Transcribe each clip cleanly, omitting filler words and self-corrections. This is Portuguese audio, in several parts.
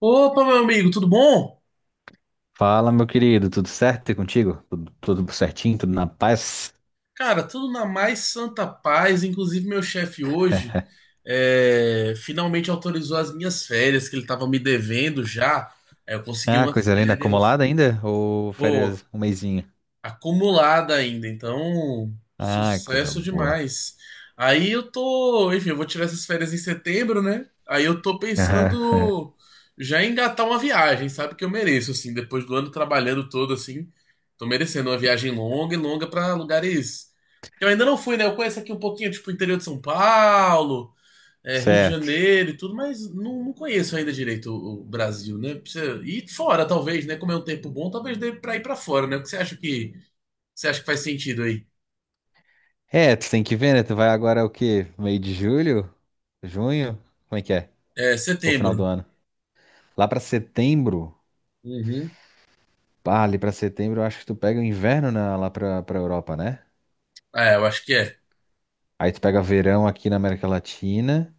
Opa, meu amigo, tudo bom? Fala, meu querido, tudo certo e contigo? Tudo certinho, tudo na paz? Cara, tudo na mais santa paz. Inclusive, meu chefe hoje finalmente autorizou as minhas férias, que ele estava me devendo já. Aí eu consegui Ah, umas coisa linda, férias. acumulada ainda? Ou Pô, férias um mesinho? acumulada ainda, então Ah, coisa sucesso boa. demais. Aí eu tô, enfim, eu vou tirar essas férias em setembro, né? Aí eu tô Aham. pensando já em engatar uma viagem, sabe que eu mereço assim, depois do ano trabalhando todo assim, tô merecendo uma viagem longa e longa pra lugares que eu ainda não fui, né? Eu conheço aqui um pouquinho, tipo, o interior de São Paulo, Rio de Certo. Janeiro e tudo, mas não conheço ainda direito o Brasil, né? Precisa ir fora, talvez, né? Como é um tempo bom, talvez dê pra ir pra fora, né? O que você acha que faz sentido aí? É, tu tem que ver, né? Tu vai agora o quê? Meio de julho? Junho? Como é que é? É Ou final do setembro. ano? Lá pra setembro? Uhum. Ah, ali pra setembro eu acho que tu pega o inverno na- lá pra Europa, né? É, eu acho que é. Aí tu pega verão aqui na América Latina.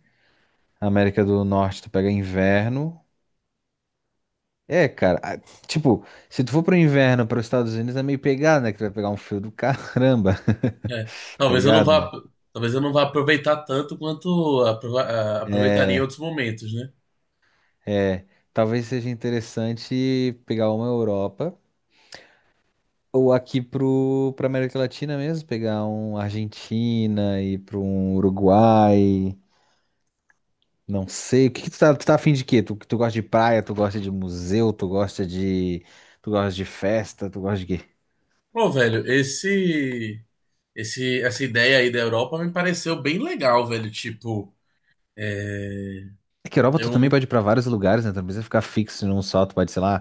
América do Norte tu pega inverno. É, cara, a- tipo, se tu for pro inverno, para os Estados Unidos é meio pegado, né? Que tu vai pegar um frio do caramba, É. tá Talvez eu não ligado, vá, né? talvez eu não vá aproveitar tanto quanto aproveitaria em É, outros momentos, né? é, talvez seja interessante pegar uma Europa ou aqui pra América Latina mesmo, pegar um Argentina e para um Uruguai, não sei. O que que tu tá afim de quê? Tu gosta de praia, tu gosta de museu, tu gosta de festa, tu gosta de quê? Pô, velho, essa ideia aí da Europa me pareceu bem legal, velho. Tipo, é, É que Europa tu eu também não. pode ir pra vários lugares, né? Tu não precisa ficar fixo num só. Tu pode, sei lá,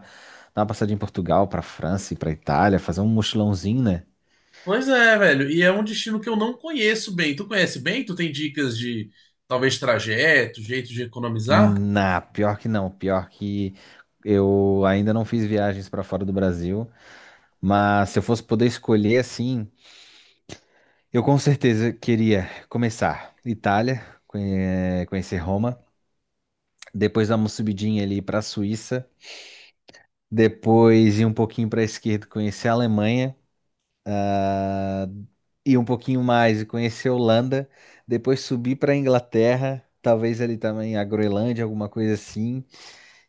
dar uma passadinha em Portugal, pra França e pra Itália, fazer um mochilãozinho, né? Pois é, velho. E é um destino que eu não conheço bem. Tu conhece bem? Tu tem dicas de talvez trajeto, jeito de economizar? Na, pior que não. Pior que eu ainda não fiz viagens pra fora do Brasil. Mas se eu fosse poder escolher assim, eu com certeza queria começar Itália, conhe- conhecer Roma, depois dar uma subidinha ali pra Suíça, depois ir um pouquinho pra esquerda, conhecer a Alemanha. Ir um pouquinho mais e conhecer a Holanda, depois subir para a Inglaterra, talvez ali também a Groenlândia, alguma coisa assim,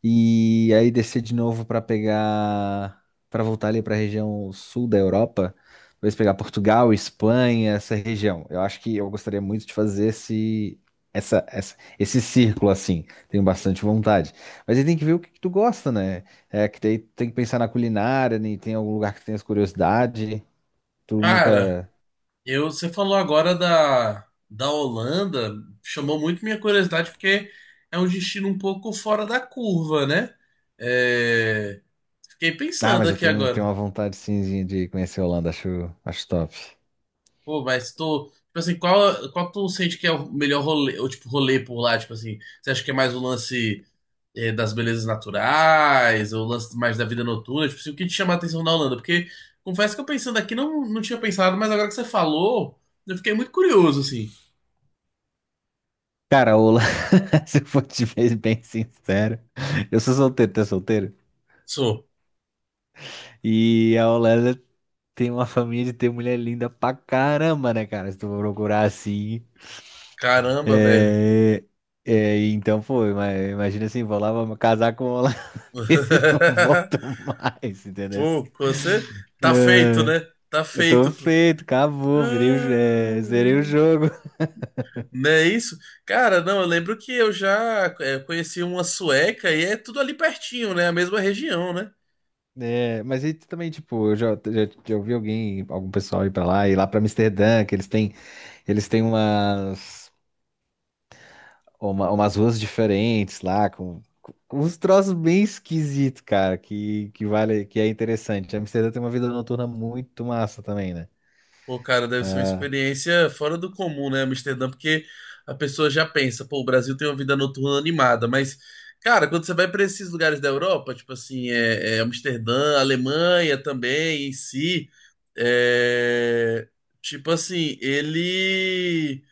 e aí descer de novo para pegar, para voltar ali para a região sul da Europa, talvez pegar Portugal, Espanha, essa região. Eu acho que eu gostaria muito de fazer esse esse círculo assim, tenho bastante vontade. Mas aí tem que ver o que, que tu gosta, né? É que daí tem que pensar na culinária, né? Tem algum lugar que tu tenhas curiosidade. Tu Cara. nunca... Eu, você falou agora da Holanda, chamou muito minha curiosidade porque é um destino um pouco fora da curva, né? É, fiquei Ah, pensando mas eu aqui tenho agora. uma vontade simzinha de conhecer a Holanda, acho, acho top. Pô, mas tô, tipo assim, qual tu sente que é o melhor rolê, ou tipo rolê por lá, tipo assim, você acha que é mais o lance das belezas naturais, ou o lance mais da vida noturna, tipo assim, o que te chama a atenção na Holanda? Porque confesso que eu pensando aqui não tinha pensado, mas agora que você falou, eu fiquei muito curioso assim. Cara, a Holanda, se eu for te ver bem sincero, eu sou solteiro, tu é solteiro? Sou. E a Holanda tem uma família de ter mulher linda pra caramba, né, cara? Se tu for procurar assim. Caramba, velho. É, então, pô, ima- imagina assim, vou lá, vou casar com um holandês e não volto mais, entendeu? Pô, você tá feito, É, né? Tá eu tô feito, pô. feito, acabou, virei, o- é, zerei o Ah, jogo. não é isso? Cara, não, eu lembro que eu já conheci uma sueca e é tudo ali pertinho, né? A mesma região, né? É, mas aí também, tipo, eu já ouvi alguém, algum pessoal ir pra lá, ir lá pra Amsterdã, que eles têm umas, uma- umas ruas diferentes lá, com, com uns troços bem esquisitos, cara, que vale, que é interessante. Amsterdã tem uma vida noturna muito massa também, né? Pô, cara, deve ser uma Ah, experiência fora do comum, né, Amsterdã? Porque a pessoa já pensa, pô, o Brasil tem uma vida noturna animada, mas, cara, quando você vai para esses lugares da Europa, tipo assim, é Amsterdã, Alemanha também, em si, é, tipo assim, ele,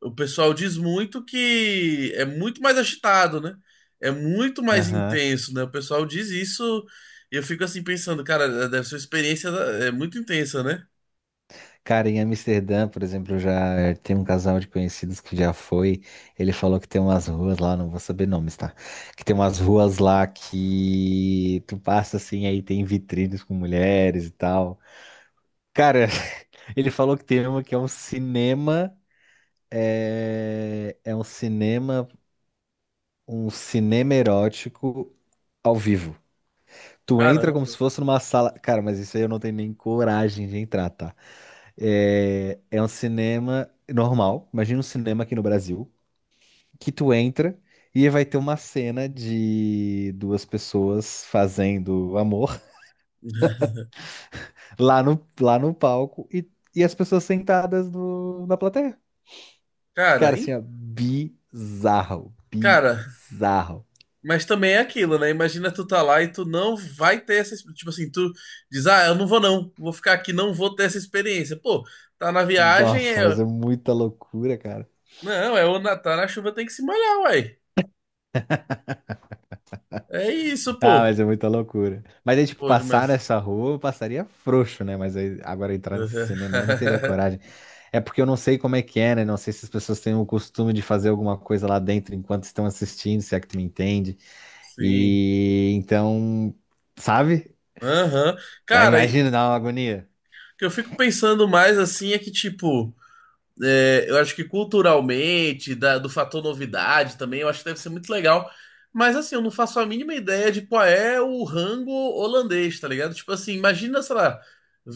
o pessoal diz muito que é muito mais agitado, né? É muito mais aham. intenso, né? O pessoal diz isso e eu fico assim pensando, cara, deve ser uma experiência muito intensa, né? Cara, em Amsterdã, por exemplo, eu já tem um casal de conhecidos que já foi. Ele falou que tem umas ruas lá, não vou saber nomes, tá? Que tem umas ruas lá que tu passa assim, aí tem vitrines com mulheres e tal. Cara, ele falou que tem uma que é um cinema, é um cinema erótico ao vivo. Tu entra como Caramba. se fosse numa sala. Cara, mas isso aí eu não tenho nem coragem de entrar, tá? É, é um cinema normal. Imagina um cinema aqui no Brasil, que tu entra e vai ter uma cena de duas pessoas fazendo amor lá no palco e as pessoas sentadas no- na plateia. Cara, Cara, assim, hein? ó, bizarro, Cara, bizarro. mas também é aquilo, né? Imagina tu tá lá e tu não vai ter essa, tipo assim, tu diz: "Ah, eu não vou não, vou ficar aqui, não vou ter essa experiência". Pô, tá na viagem, Nossa, mas é muita loucura, cara. não, é o Natal, na chuva tem que se molhar, uai. É isso, Ah, pô. mas é muita loucura. Mas aí, tipo, Pô, mas passar nessa rua, eu passaria frouxo, né? Mas aí, agora entrar nesse cinema, aí eu não teria coragem. É porque eu não sei como é que é, né? Não sei se as pessoas têm o costume de fazer alguma coisa lá dentro enquanto estão assistindo, se é que tu me entende. Sim. E então, sabe? Aham. Aí Cara, imagina, dá uma agonia. o que eu fico pensando mais assim é que tipo é, eu acho que culturalmente, do fator novidade também, eu acho que deve ser muito legal. Mas assim, eu não faço a mínima ideia de qual é o rango holandês, tá ligado? Tipo assim, imagina, sei lá,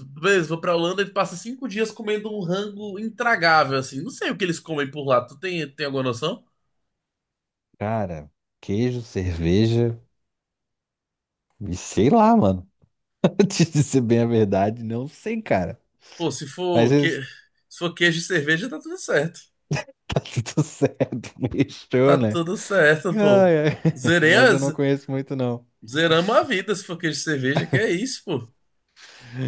beleza, vou pra Holanda e passa 5 dias comendo um rango intragável, assim. Não sei o que eles comem por lá. Tu tem, tem alguma noção? Cara, queijo, cerveja e sei lá, mano. Antes de ser bem a verdade, não sei, cara. Pô, se Mas for, que... isso... se for queijo e cerveja, tá tudo certo. Tá tudo certo, Tá mexeu, né? tudo certo, pô. Ai, ai. Zerei Mas eu as... não conheço muito, não. Zeramos a vida se for queijo e cerveja, que é isso, pô.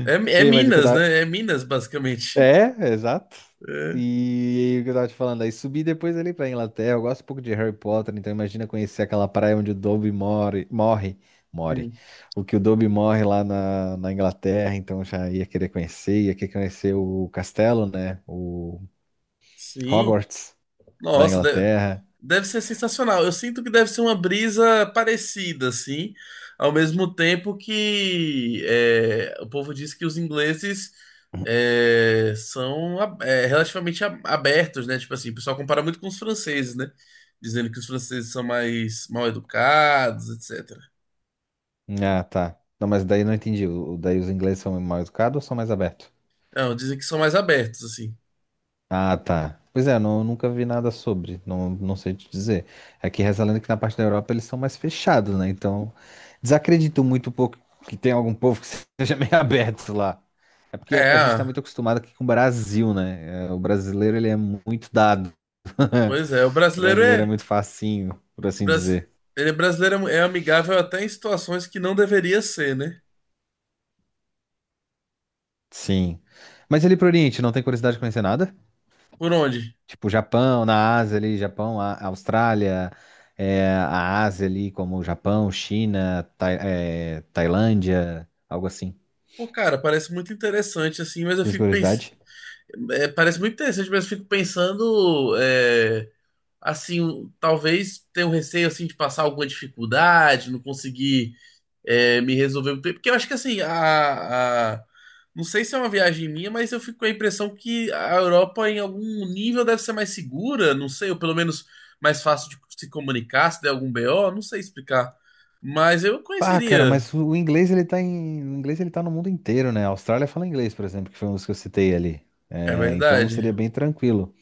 É, é E, mas o que eu Minas, tava... né? É Minas, basicamente. É, exato. É. E o que eu tava te falando, aí subi depois ali pra Inglaterra. Eu gosto um pouco de Harry Potter, então imagina conhecer aquela praia onde o Dobby morre. Hum. O que o Dobby morre lá na, na Inglaterra, então já ia querer conhecer o castelo, né? O Sim. Hogwarts da Nossa, deve, Inglaterra. deve ser sensacional. Eu sinto que deve ser uma brisa parecida, assim, ao mesmo tempo que o povo diz que os ingleses são relativamente abertos, né? Tipo assim, o pessoal compara muito com os franceses, né? Dizendo que os franceses são mais mal educados, etc. Ah, tá. Não, mas daí eu não entendi. O- Daí os ingleses são mais educados ou são mais abertos? Não, dizem que são mais abertos, assim. Ah, tá. Pois é, não, nunca vi nada sobre, não, não sei te dizer. Aqui reza a lenda que na parte da Europa eles são mais fechados, né? Então, desacredito muito um pouco que tem algum povo que seja meio aberto lá. É porque É, a gente tá muito ah, acostumado aqui com o Brasil, né? É, o brasileiro, ele é muito dado. pois é, o O brasileiro brasileiro é é. muito facinho, por assim Bras... dizer. Ele é brasileiro é amigável até em situações que não deveria ser, né? Sim. Mas ele pro Oriente, não tem curiosidade de conhecer nada? Por onde? Tipo, Japão, na Ásia ali, Japão, a- Austrália, é, a Ásia ali, como Japão, China, Tai- é, Tailândia, algo assim. Pô, cara, parece muito interessante, assim, mas eu Tem fico pensando. curiosidade? Parece muito interessante, mas eu fico pensando, assim, talvez tenha um receio, assim, de passar alguma dificuldade, não conseguir me resolveu muito bem. Porque eu acho que assim, não sei se é uma viagem minha, mas eu fico com a impressão que a Europa, em algum nível, deve ser mais segura, não sei, ou pelo menos mais fácil de se comunicar, se der algum BO, não sei explicar. Mas eu Pá, cara, conheceria. mas o inglês ele tá em, o inglês ele tá no mundo inteiro, né? A Austrália fala inglês, por exemplo, que foi um dos que eu citei ali. É É, então verdade. seria bem tranquilo.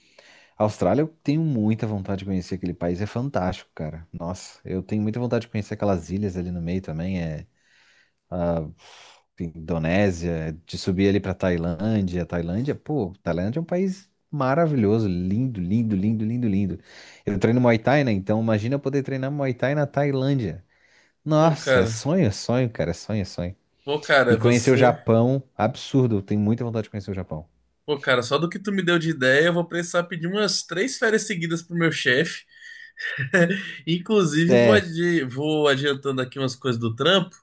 A Austrália, eu tenho muita vontade de conhecer aquele país, é fantástico, cara. Nossa, eu tenho muita vontade de conhecer aquelas ilhas ali no meio também. É, Indonésia, de subir ali pra Tailândia. Tailândia, pô, Tailândia é um país maravilhoso, lindo, lindo, lindo, lindo, lindo. Eu treino Muay Thai, né? Então imagina eu poder treinar Muay Thai na Tailândia. Pô, Nossa, cara, é sonho, cara, é sonho, é sonho. pô, E cara, conhecer o você. Japão, absurdo, eu tenho muita vontade de conhecer o Japão. Pô, cara, só do que tu me deu de ideia, eu vou precisar pedir umas 3 férias seguidas pro meu chefe. Inclusive, É, vou adiantando aqui umas coisas do trampo.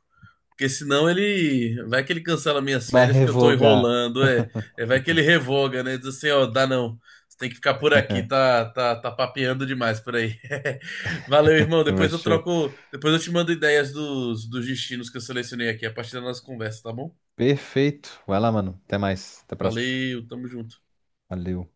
Porque senão ele. Vai que ele cancela minhas vai férias porque eu tô revogar. enrolando, é. É, vai que ele revoga, né? Diz assim, ó, dá não. Você tem que ficar por aqui, tá, tá, tá papeando demais por aí. Valeu, irmão. Vai Depois eu show. troco. Depois eu te mando ideias dos destinos que eu selecionei aqui a partir da nossa conversa, tá bom? Perfeito. Vai lá, mano. Até mais. Até a próxima. Valeu, tamo junto. Valeu.